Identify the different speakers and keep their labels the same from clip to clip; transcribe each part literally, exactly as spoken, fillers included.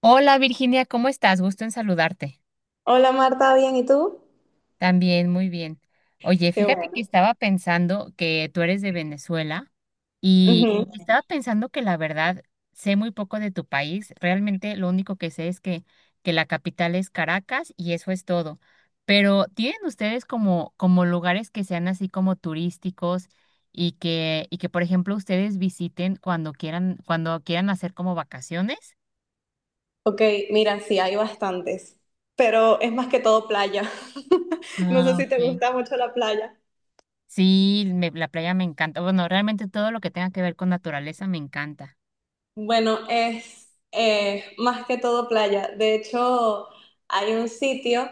Speaker 1: Hola Virginia, ¿cómo estás? Gusto en saludarte.
Speaker 2: Hola Marta, ¿bien? ¿Y tú?
Speaker 1: También, muy bien. Oye,
Speaker 2: Qué
Speaker 1: fíjate que
Speaker 2: bueno.
Speaker 1: estaba pensando que tú eres de Venezuela y
Speaker 2: Ujú.
Speaker 1: estaba pensando que la verdad sé muy poco de tu país. Realmente lo único que sé es que, que la capital es Caracas y eso es todo. Pero ¿tienen ustedes como, como lugares que sean así como turísticos y que, y que, por ejemplo, ustedes visiten cuando quieran, cuando quieran hacer como vacaciones?
Speaker 2: Ok, mira, sí, hay bastantes, pero es más que todo playa. No sé
Speaker 1: Ah,
Speaker 2: si te
Speaker 1: ok.
Speaker 2: gusta mucho la playa.
Speaker 1: Sí, me- la playa me encanta. Bueno, realmente todo lo que tenga que ver con naturaleza me encanta.
Speaker 2: Bueno, es eh, más que todo playa. De hecho, hay un sitio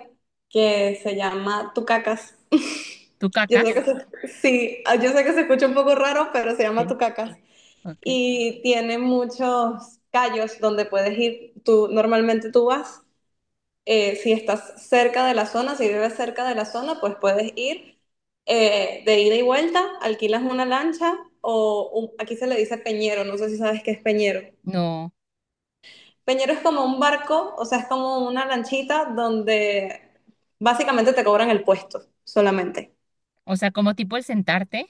Speaker 2: que se llama Tucacas.
Speaker 1: ¿Tú
Speaker 2: Yo sé
Speaker 1: cacas?
Speaker 2: que se, sí, yo sé que se escucha un poco raro, pero se llama
Speaker 1: Sí.
Speaker 2: Tucacas.
Speaker 1: Ok.
Speaker 2: Y tiene muchos callos donde puedes ir. Tú, normalmente tú vas. Eh, si estás cerca de la zona, si vives cerca de la zona, pues puedes ir, eh, de ida y vuelta. Alquilas una lancha o un- aquí se le dice peñero, no sé si sabes qué es peñero.
Speaker 1: No.
Speaker 2: Peñero es como un barco, o sea, es como una lanchita donde básicamente te cobran el puesto solamente.
Speaker 1: O sea, como tipo el sentarte.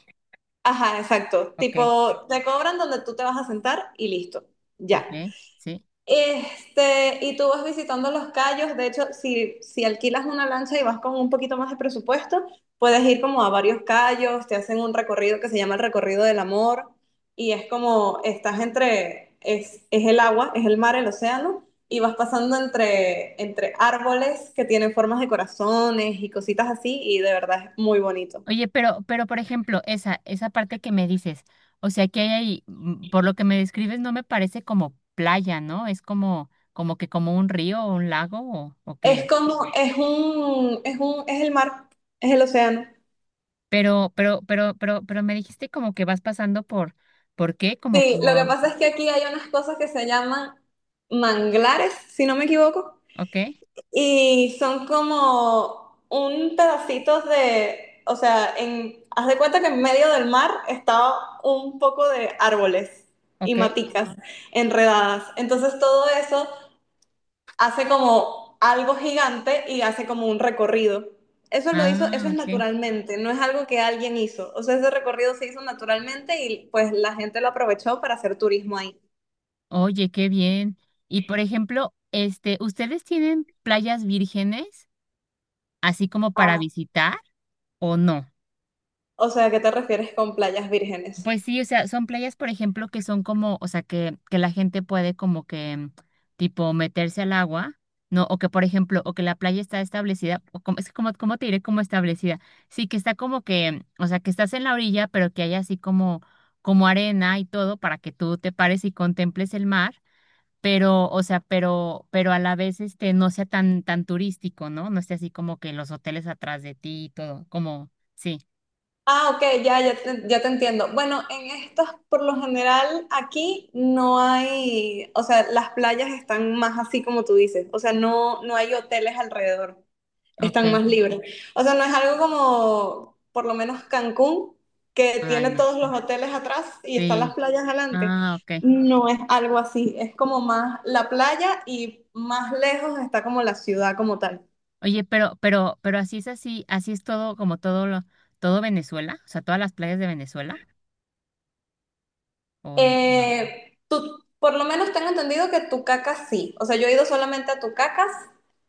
Speaker 2: Ajá, exacto.
Speaker 1: Ok,
Speaker 2: Tipo, te cobran donde tú te vas a sentar y listo. Ya.
Speaker 1: ok, sí.
Speaker 2: Este, y tú vas visitando los cayos. De hecho, si, si alquilas una lancha y vas con un poquito más de presupuesto, puedes ir como a varios cayos, te hacen un recorrido que se llama el recorrido del amor, y es como estás entre, es, es el agua, es el mar, el océano, y vas pasando entre, entre árboles que tienen formas de corazones y cositas así, y de verdad es muy bonito.
Speaker 1: Oye, pero, pero por ejemplo, esa, esa parte que me dices, o sea, que hay ahí, mm, por lo que me describes, no me parece como playa, ¿no? Es como, como que como un río o un lago o, o
Speaker 2: Es
Speaker 1: qué.
Speaker 2: como, es un, es un, es el mar, es el océano.
Speaker 1: Pero, pero, pero, pero, pero me dijiste como que vas pasando por, ¿por qué? Como
Speaker 2: Sí, lo que
Speaker 1: por,
Speaker 2: pasa es que aquí hay unas cosas que se llaman manglares, si no me equivoco,
Speaker 1: ok,
Speaker 2: y son como un pedacito de, o sea, en, haz de cuenta que en medio del mar estaba un poco de árboles y
Speaker 1: ok.
Speaker 2: maticas enredadas. Entonces todo eso hace como algo gigante y hace como un recorrido. Eso lo hizo, eso
Speaker 1: Ah,
Speaker 2: es
Speaker 1: ok.
Speaker 2: naturalmente, no es algo que alguien hizo. O sea, ese recorrido se hizo naturalmente y pues la gente lo aprovechó para hacer turismo ahí.
Speaker 1: Oye, qué bien. Y por ejemplo, este, ¿ustedes tienen playas vírgenes así como para
Speaker 2: Ah,
Speaker 1: visitar o no?
Speaker 2: o sea, ¿a qué te refieres con playas vírgenes?
Speaker 1: Pues sí, o sea, son playas, por ejemplo, que son como, o sea, que, que la gente puede como que mm, tipo meterse al agua, ¿no? O que, por ejemplo, o que la playa está establecida, o como, es que como, ¿cómo te diré como establecida? Sí, que está como que, mm, o sea, que estás en la orilla, pero que hay así como, como arena y todo para que tú te pares y contemples el mar pero, o sea, pero, pero a la vez este no sea tan, tan turístico, ¿no? No esté así como que los hoteles atrás de ti y todo, como, sí,
Speaker 2: Ah, ok, ya, ya te, ya te entiendo. Bueno, en estas, por lo general, aquí no hay, o sea, las playas están más así como tú dices, o sea, no, no hay hoteles alrededor,
Speaker 1: ok,
Speaker 2: están más libres. O sea, no es algo como, por lo menos Cancún, que
Speaker 1: ay
Speaker 2: tiene
Speaker 1: no,
Speaker 2: todos los
Speaker 1: eh,
Speaker 2: hoteles atrás y están las
Speaker 1: sí,
Speaker 2: playas adelante.
Speaker 1: ah, ok.
Speaker 2: No es algo así, es como más la playa y más lejos está como la ciudad como tal.
Speaker 1: Oye, pero, pero, pero así es así, así es todo, como todo lo, todo Venezuela, o sea, todas las playas de Venezuela, o n- no,
Speaker 2: Eh, tú, por lo menos tengo entendido que Tucacas sí. O sea, yo he ido solamente a Tucacas,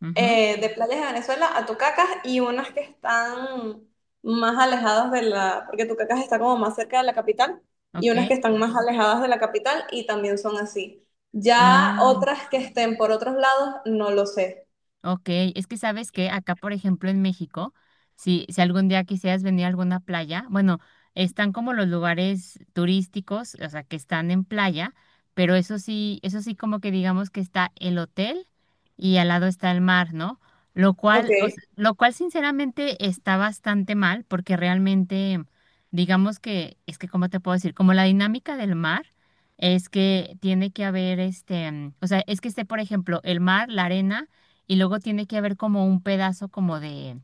Speaker 1: mhm,
Speaker 2: eh, de playas de Venezuela, a Tucacas y unas que están más alejadas de la, porque Tucacas está como más cerca de la capital, y
Speaker 1: ok,
Speaker 2: unas que están más alejadas de la capital y también son así. Ya
Speaker 1: ah,
Speaker 2: otras que estén por otros lados, no lo sé.
Speaker 1: ok, es que sabes que acá, por ejemplo, en México, si, si algún día quisieras venir a alguna playa, bueno, están como los lugares turísticos, o sea, que están en playa, pero eso sí, eso sí como que digamos que está el hotel y al lado está el mar, ¿no? Lo
Speaker 2: Ok.
Speaker 1: cual, o sea, lo cual sinceramente está bastante mal porque realmente, digamos que, es que, ¿cómo te puedo decir? Como la dinámica del mar es que tiene que haber este, mm, o sea, es que esté, por ejemplo, el mar, la arena y luego tiene que haber como un pedazo como de,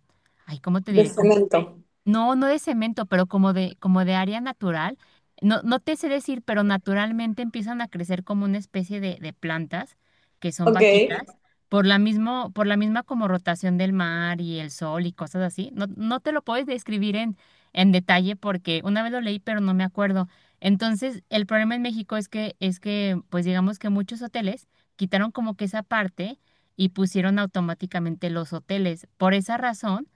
Speaker 1: ay, ¿cómo te
Speaker 2: De
Speaker 1: diré?
Speaker 2: cemento.
Speaker 1: No, no de cemento, pero como de, como de área natural. No, no te sé decir, pero naturalmente empiezan a crecer como una especie de, de plantas que son
Speaker 2: Ok.
Speaker 1: bajitas por la mismo, por la misma como rotación del mar y el sol y cosas así. No, no te lo puedes describir en, en detalle porque una vez lo leí, pero no me acuerdo. Entonces, el problema en México es que, es que, pues digamos que muchos hoteles quitaron como que esa parte y pusieron automáticamente los hoteles. Por esa razón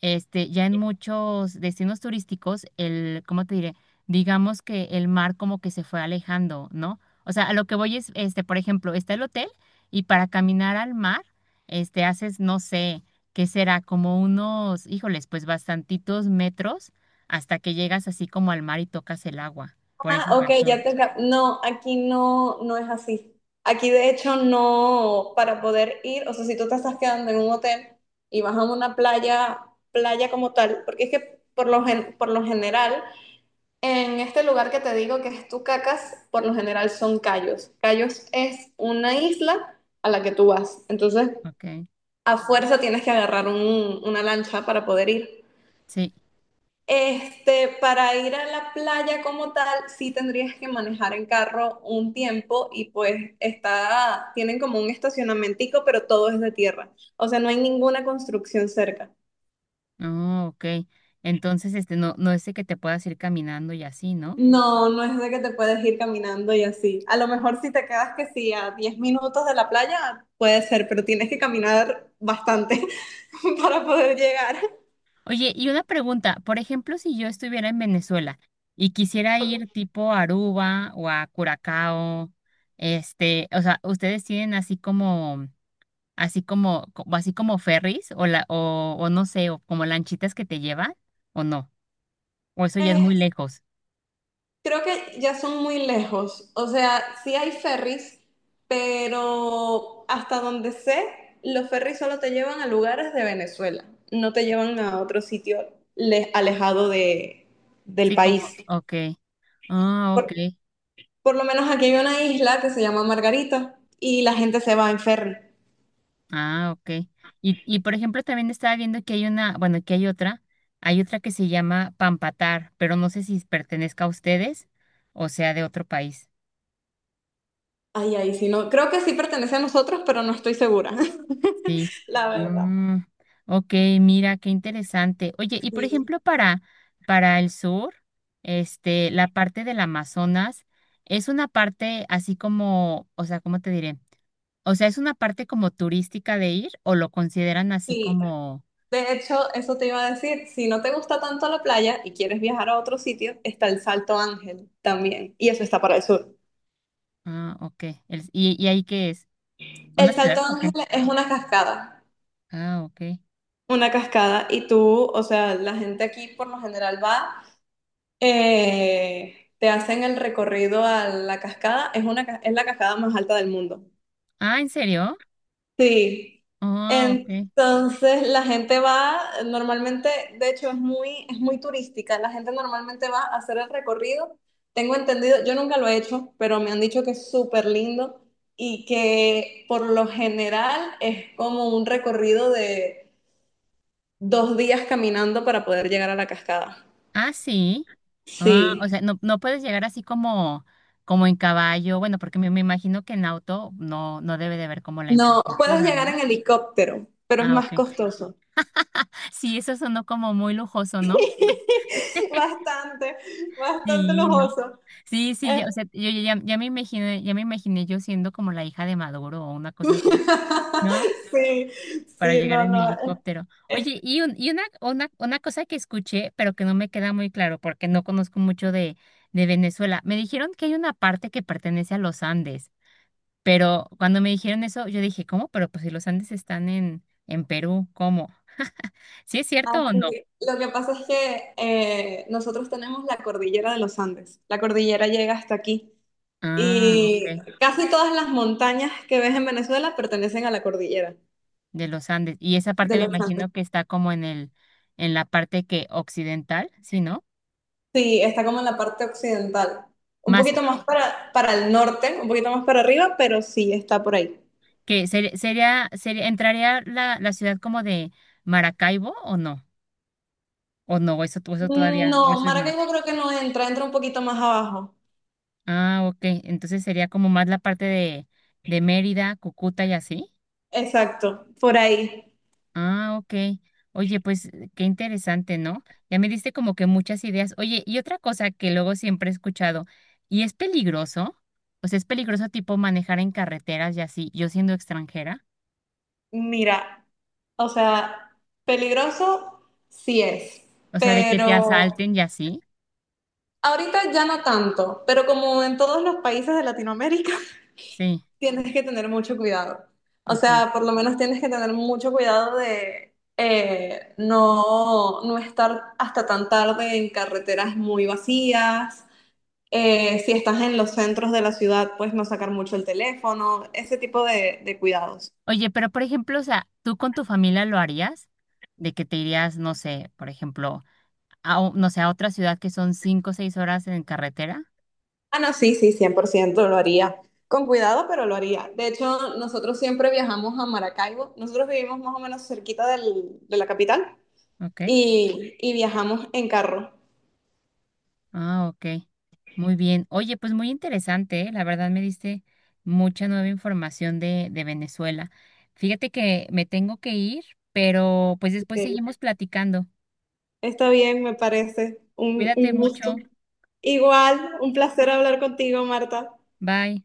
Speaker 1: este, ya en muchos destinos turísticos, el, ¿cómo te diré? Digamos que el mar como que se fue alejando, ¿no? O sea, a lo que voy es, este, por ejemplo, está el hotel y para caminar al mar, este, haces, no sé, ¿qué será? Como unos, híjoles, pues bastantitos metros hasta que llegas así como al mar y tocas el agua. Por
Speaker 2: Ah,
Speaker 1: esa
Speaker 2: ok, ya
Speaker 1: razón.
Speaker 2: te... cap- No, aquí no, no es así. Aquí de hecho no. Para poder ir, o sea, si tú te estás quedando en un hotel y vas a una playa, playa como tal, porque es que por lo, gen- por lo general, en este lugar que te digo que es Tucacas, por lo general son cayos. Cayos es una isla a la que tú vas, entonces
Speaker 1: Ok.
Speaker 2: a fuerza tienes que agarrar un- una lancha para poder ir.
Speaker 1: Sí.
Speaker 2: Este, para ir a la playa como tal, sí tendrías que manejar en carro un tiempo y pues está, tienen como un estacionamentico, pero todo es de tierra. O sea, no hay ninguna construcción cerca.
Speaker 1: Oh, ok. Entonces, este, no, no es de que te puedas ir caminando y así, ¿no?
Speaker 2: No, no es de que te puedes ir caminando y así. A lo mejor si te quedas que sí a diez minutos de la playa, puede ser, pero tienes que caminar bastante para poder llegar.
Speaker 1: Oye, y una pregunta, por ejemplo, si yo estuviera en Venezuela y quisiera ir tipo a Aruba o a Curacao, este, o sea, ¿ustedes tienen así como, así como, como- así como ferries o la, o, o no sé, o como lanchitas que te llevan o no? O eso ya es muy
Speaker 2: Ok.
Speaker 1: lejos.
Speaker 2: Creo que ya son muy lejos. O sea, sí hay ferries, pero hasta donde sé, los ferries solo te llevan a lugares de Venezuela, no te llevan a otro sitio le- alejado de, del
Speaker 1: Sí, como,
Speaker 2: país.
Speaker 1: ok. Ah, ok.
Speaker 2: Por, por lo menos aquí hay una isla que se llama Margarita y la gente se va en ferry.
Speaker 1: Ah, ok. Y, y por ejemplo, también estaba viendo que hay una, bueno, que hay otra, hay otra que se llama Pampatar, pero no sé si pertenezca a ustedes o sea de otro país.
Speaker 2: Ay, ay, sí, no. Creo que sí pertenece a nosotros, pero no estoy segura,
Speaker 1: Sí.
Speaker 2: la verdad.
Speaker 1: Mm, ok, mira, qué interesante. Oye, y por
Speaker 2: Sí,
Speaker 1: ejemplo, para, para el sur, este, la parte del Amazonas es una parte así como, o sea, ¿cómo te diré? O sea, ¿es una parte como turística de ir o lo consideran así
Speaker 2: sí.
Speaker 1: como,
Speaker 2: De hecho, eso te iba a decir, si no te gusta tanto la playa y quieres viajar a otro sitio, está el Salto Ángel también, y eso está para el sur.
Speaker 1: ah, ok, el- y, y ahí qué es? ¿Una
Speaker 2: El
Speaker 1: ciudad
Speaker 2: Salto
Speaker 1: o
Speaker 2: Ángel
Speaker 1: qué?
Speaker 2: es una cascada,
Speaker 1: Ah, ok.
Speaker 2: una cascada, y tú, o sea, la gente aquí por lo general va, eh, te hacen el recorrido a la cascada, es una, ca- es la cascada más alta del mundo.
Speaker 1: Ah, ¿en serio?
Speaker 2: Sí,
Speaker 1: Ah, ok.
Speaker 2: entonces la gente va, normalmente, de hecho es muy, es muy turística, la gente normalmente va a hacer el recorrido. Tengo entendido, yo nunca lo he hecho, pero me han dicho que es súper lindo y que por lo general es como un recorrido de dos días caminando para poder llegar a la cascada.
Speaker 1: Ah, sí. Ah,
Speaker 2: Sí,
Speaker 1: o sea, no, no puedes llegar así como, como en caballo. Bueno, porque me, me imagino que en auto no, no debe de haber como la
Speaker 2: no, puedes
Speaker 1: infraestructura,
Speaker 2: llegar
Speaker 1: ¿no?
Speaker 2: en helicóptero, pero es
Speaker 1: Ah,
Speaker 2: más
Speaker 1: ok.
Speaker 2: costoso.
Speaker 1: Sí, eso sonó como muy lujoso, ¿no?
Speaker 2: Bastante, bastante
Speaker 1: Sí, ¿no?
Speaker 2: lujoso.
Speaker 1: Sí, sí, ya, o sea, yo ya, ya me imaginé, ya me imaginé yo siendo como la hija de Maduro o una cosa así, ¿no?
Speaker 2: Sí,
Speaker 1: Para
Speaker 2: sí,
Speaker 1: llegar
Speaker 2: no,
Speaker 1: en mi
Speaker 2: no. es-
Speaker 1: helicóptero. Oye, y, un- y una, una, una cosa que escuché, pero que no me queda muy claro porque no conozco mucho de, de Venezuela, me dijeron que hay una parte que pertenece a los Andes, pero cuando me dijeron eso, yo dije, ¿cómo? Pero pues si los Andes están en, en Perú, ¿cómo? ¿Sí es cierto o no?
Speaker 2: así. Lo que pasa es que eh, nosotros tenemos la cordillera de los Andes. La cordillera llega hasta aquí.
Speaker 1: Ah,
Speaker 2: Y
Speaker 1: ok,
Speaker 2: casi todas las montañas que ves en Venezuela pertenecen a la cordillera
Speaker 1: de los Andes. Y esa parte
Speaker 2: de
Speaker 1: me
Speaker 2: los Andes.
Speaker 1: imagino que está como en el, en la parte que occidental, ¿sí, no?
Speaker 2: Sí, está como en la parte occidental. Un
Speaker 1: Más
Speaker 2: poquito más para, para el norte, un poquito más para arriba, pero sí, está por ahí.
Speaker 1: que ser- sería, sería, entraría la, la ciudad como de Maracaibo o no? O no, eso, to- eso todavía,
Speaker 2: No,
Speaker 1: o eso no.
Speaker 2: Maracaibo creo que no entra, entra un poquito más abajo.
Speaker 1: Ah, ok. Entonces sería como más la parte de, de Mérida, Cúcuta y así.
Speaker 2: Exacto, por ahí.
Speaker 1: Ah, ok. Oye, pues qué interesante, ¿no? Ya me diste como que muchas ideas. Oye, y otra cosa que luego siempre he escuchado, ¿y es peligroso? O sea, ¿es peligroso tipo manejar en carreteras y así, yo siendo extranjera?
Speaker 2: Mira. O sea, peligroso sí es,
Speaker 1: O sea, de que te
Speaker 2: pero
Speaker 1: asalten y así.
Speaker 2: ahorita ya no tanto, pero como en todos los países de Latinoamérica,
Speaker 1: Sí,
Speaker 2: tienes que tener mucho cuidado. O
Speaker 1: ajá.
Speaker 2: sea, por lo menos tienes que tener mucho cuidado de eh, no, no estar hasta tan tarde en carreteras muy vacías. Eh, si estás en los centros de la ciudad, pues no sacar mucho el teléfono, ese tipo de de cuidados.
Speaker 1: Oye, pero por ejemplo, o sea, ¿tú con tu familia lo harías? De que te irías, no sé, por ejemplo a, o- no sé, a otra ciudad que son cinco o seis horas en carretera.
Speaker 2: Ah, no, sí, sí, cien por ciento lo haría. Con cuidado, pero lo haría. De hecho, nosotros siempre viajamos a Maracaibo. Nosotros vivimos más o menos cerquita del- de la capital
Speaker 1: Ok.
Speaker 2: y, y viajamos en carro.
Speaker 1: Ah, ok. Muy bien. Oye, pues muy interesante, ¿eh? La verdad me diste mucha nueva información de, de Venezuela. Fíjate que me tengo que ir, pero pues después
Speaker 2: Ok.
Speaker 1: seguimos platicando.
Speaker 2: Está bien, me parece. Un,
Speaker 1: Cuídate
Speaker 2: un gusto.
Speaker 1: mucho.
Speaker 2: Igual, un placer hablar contigo, Marta.
Speaker 1: Bye.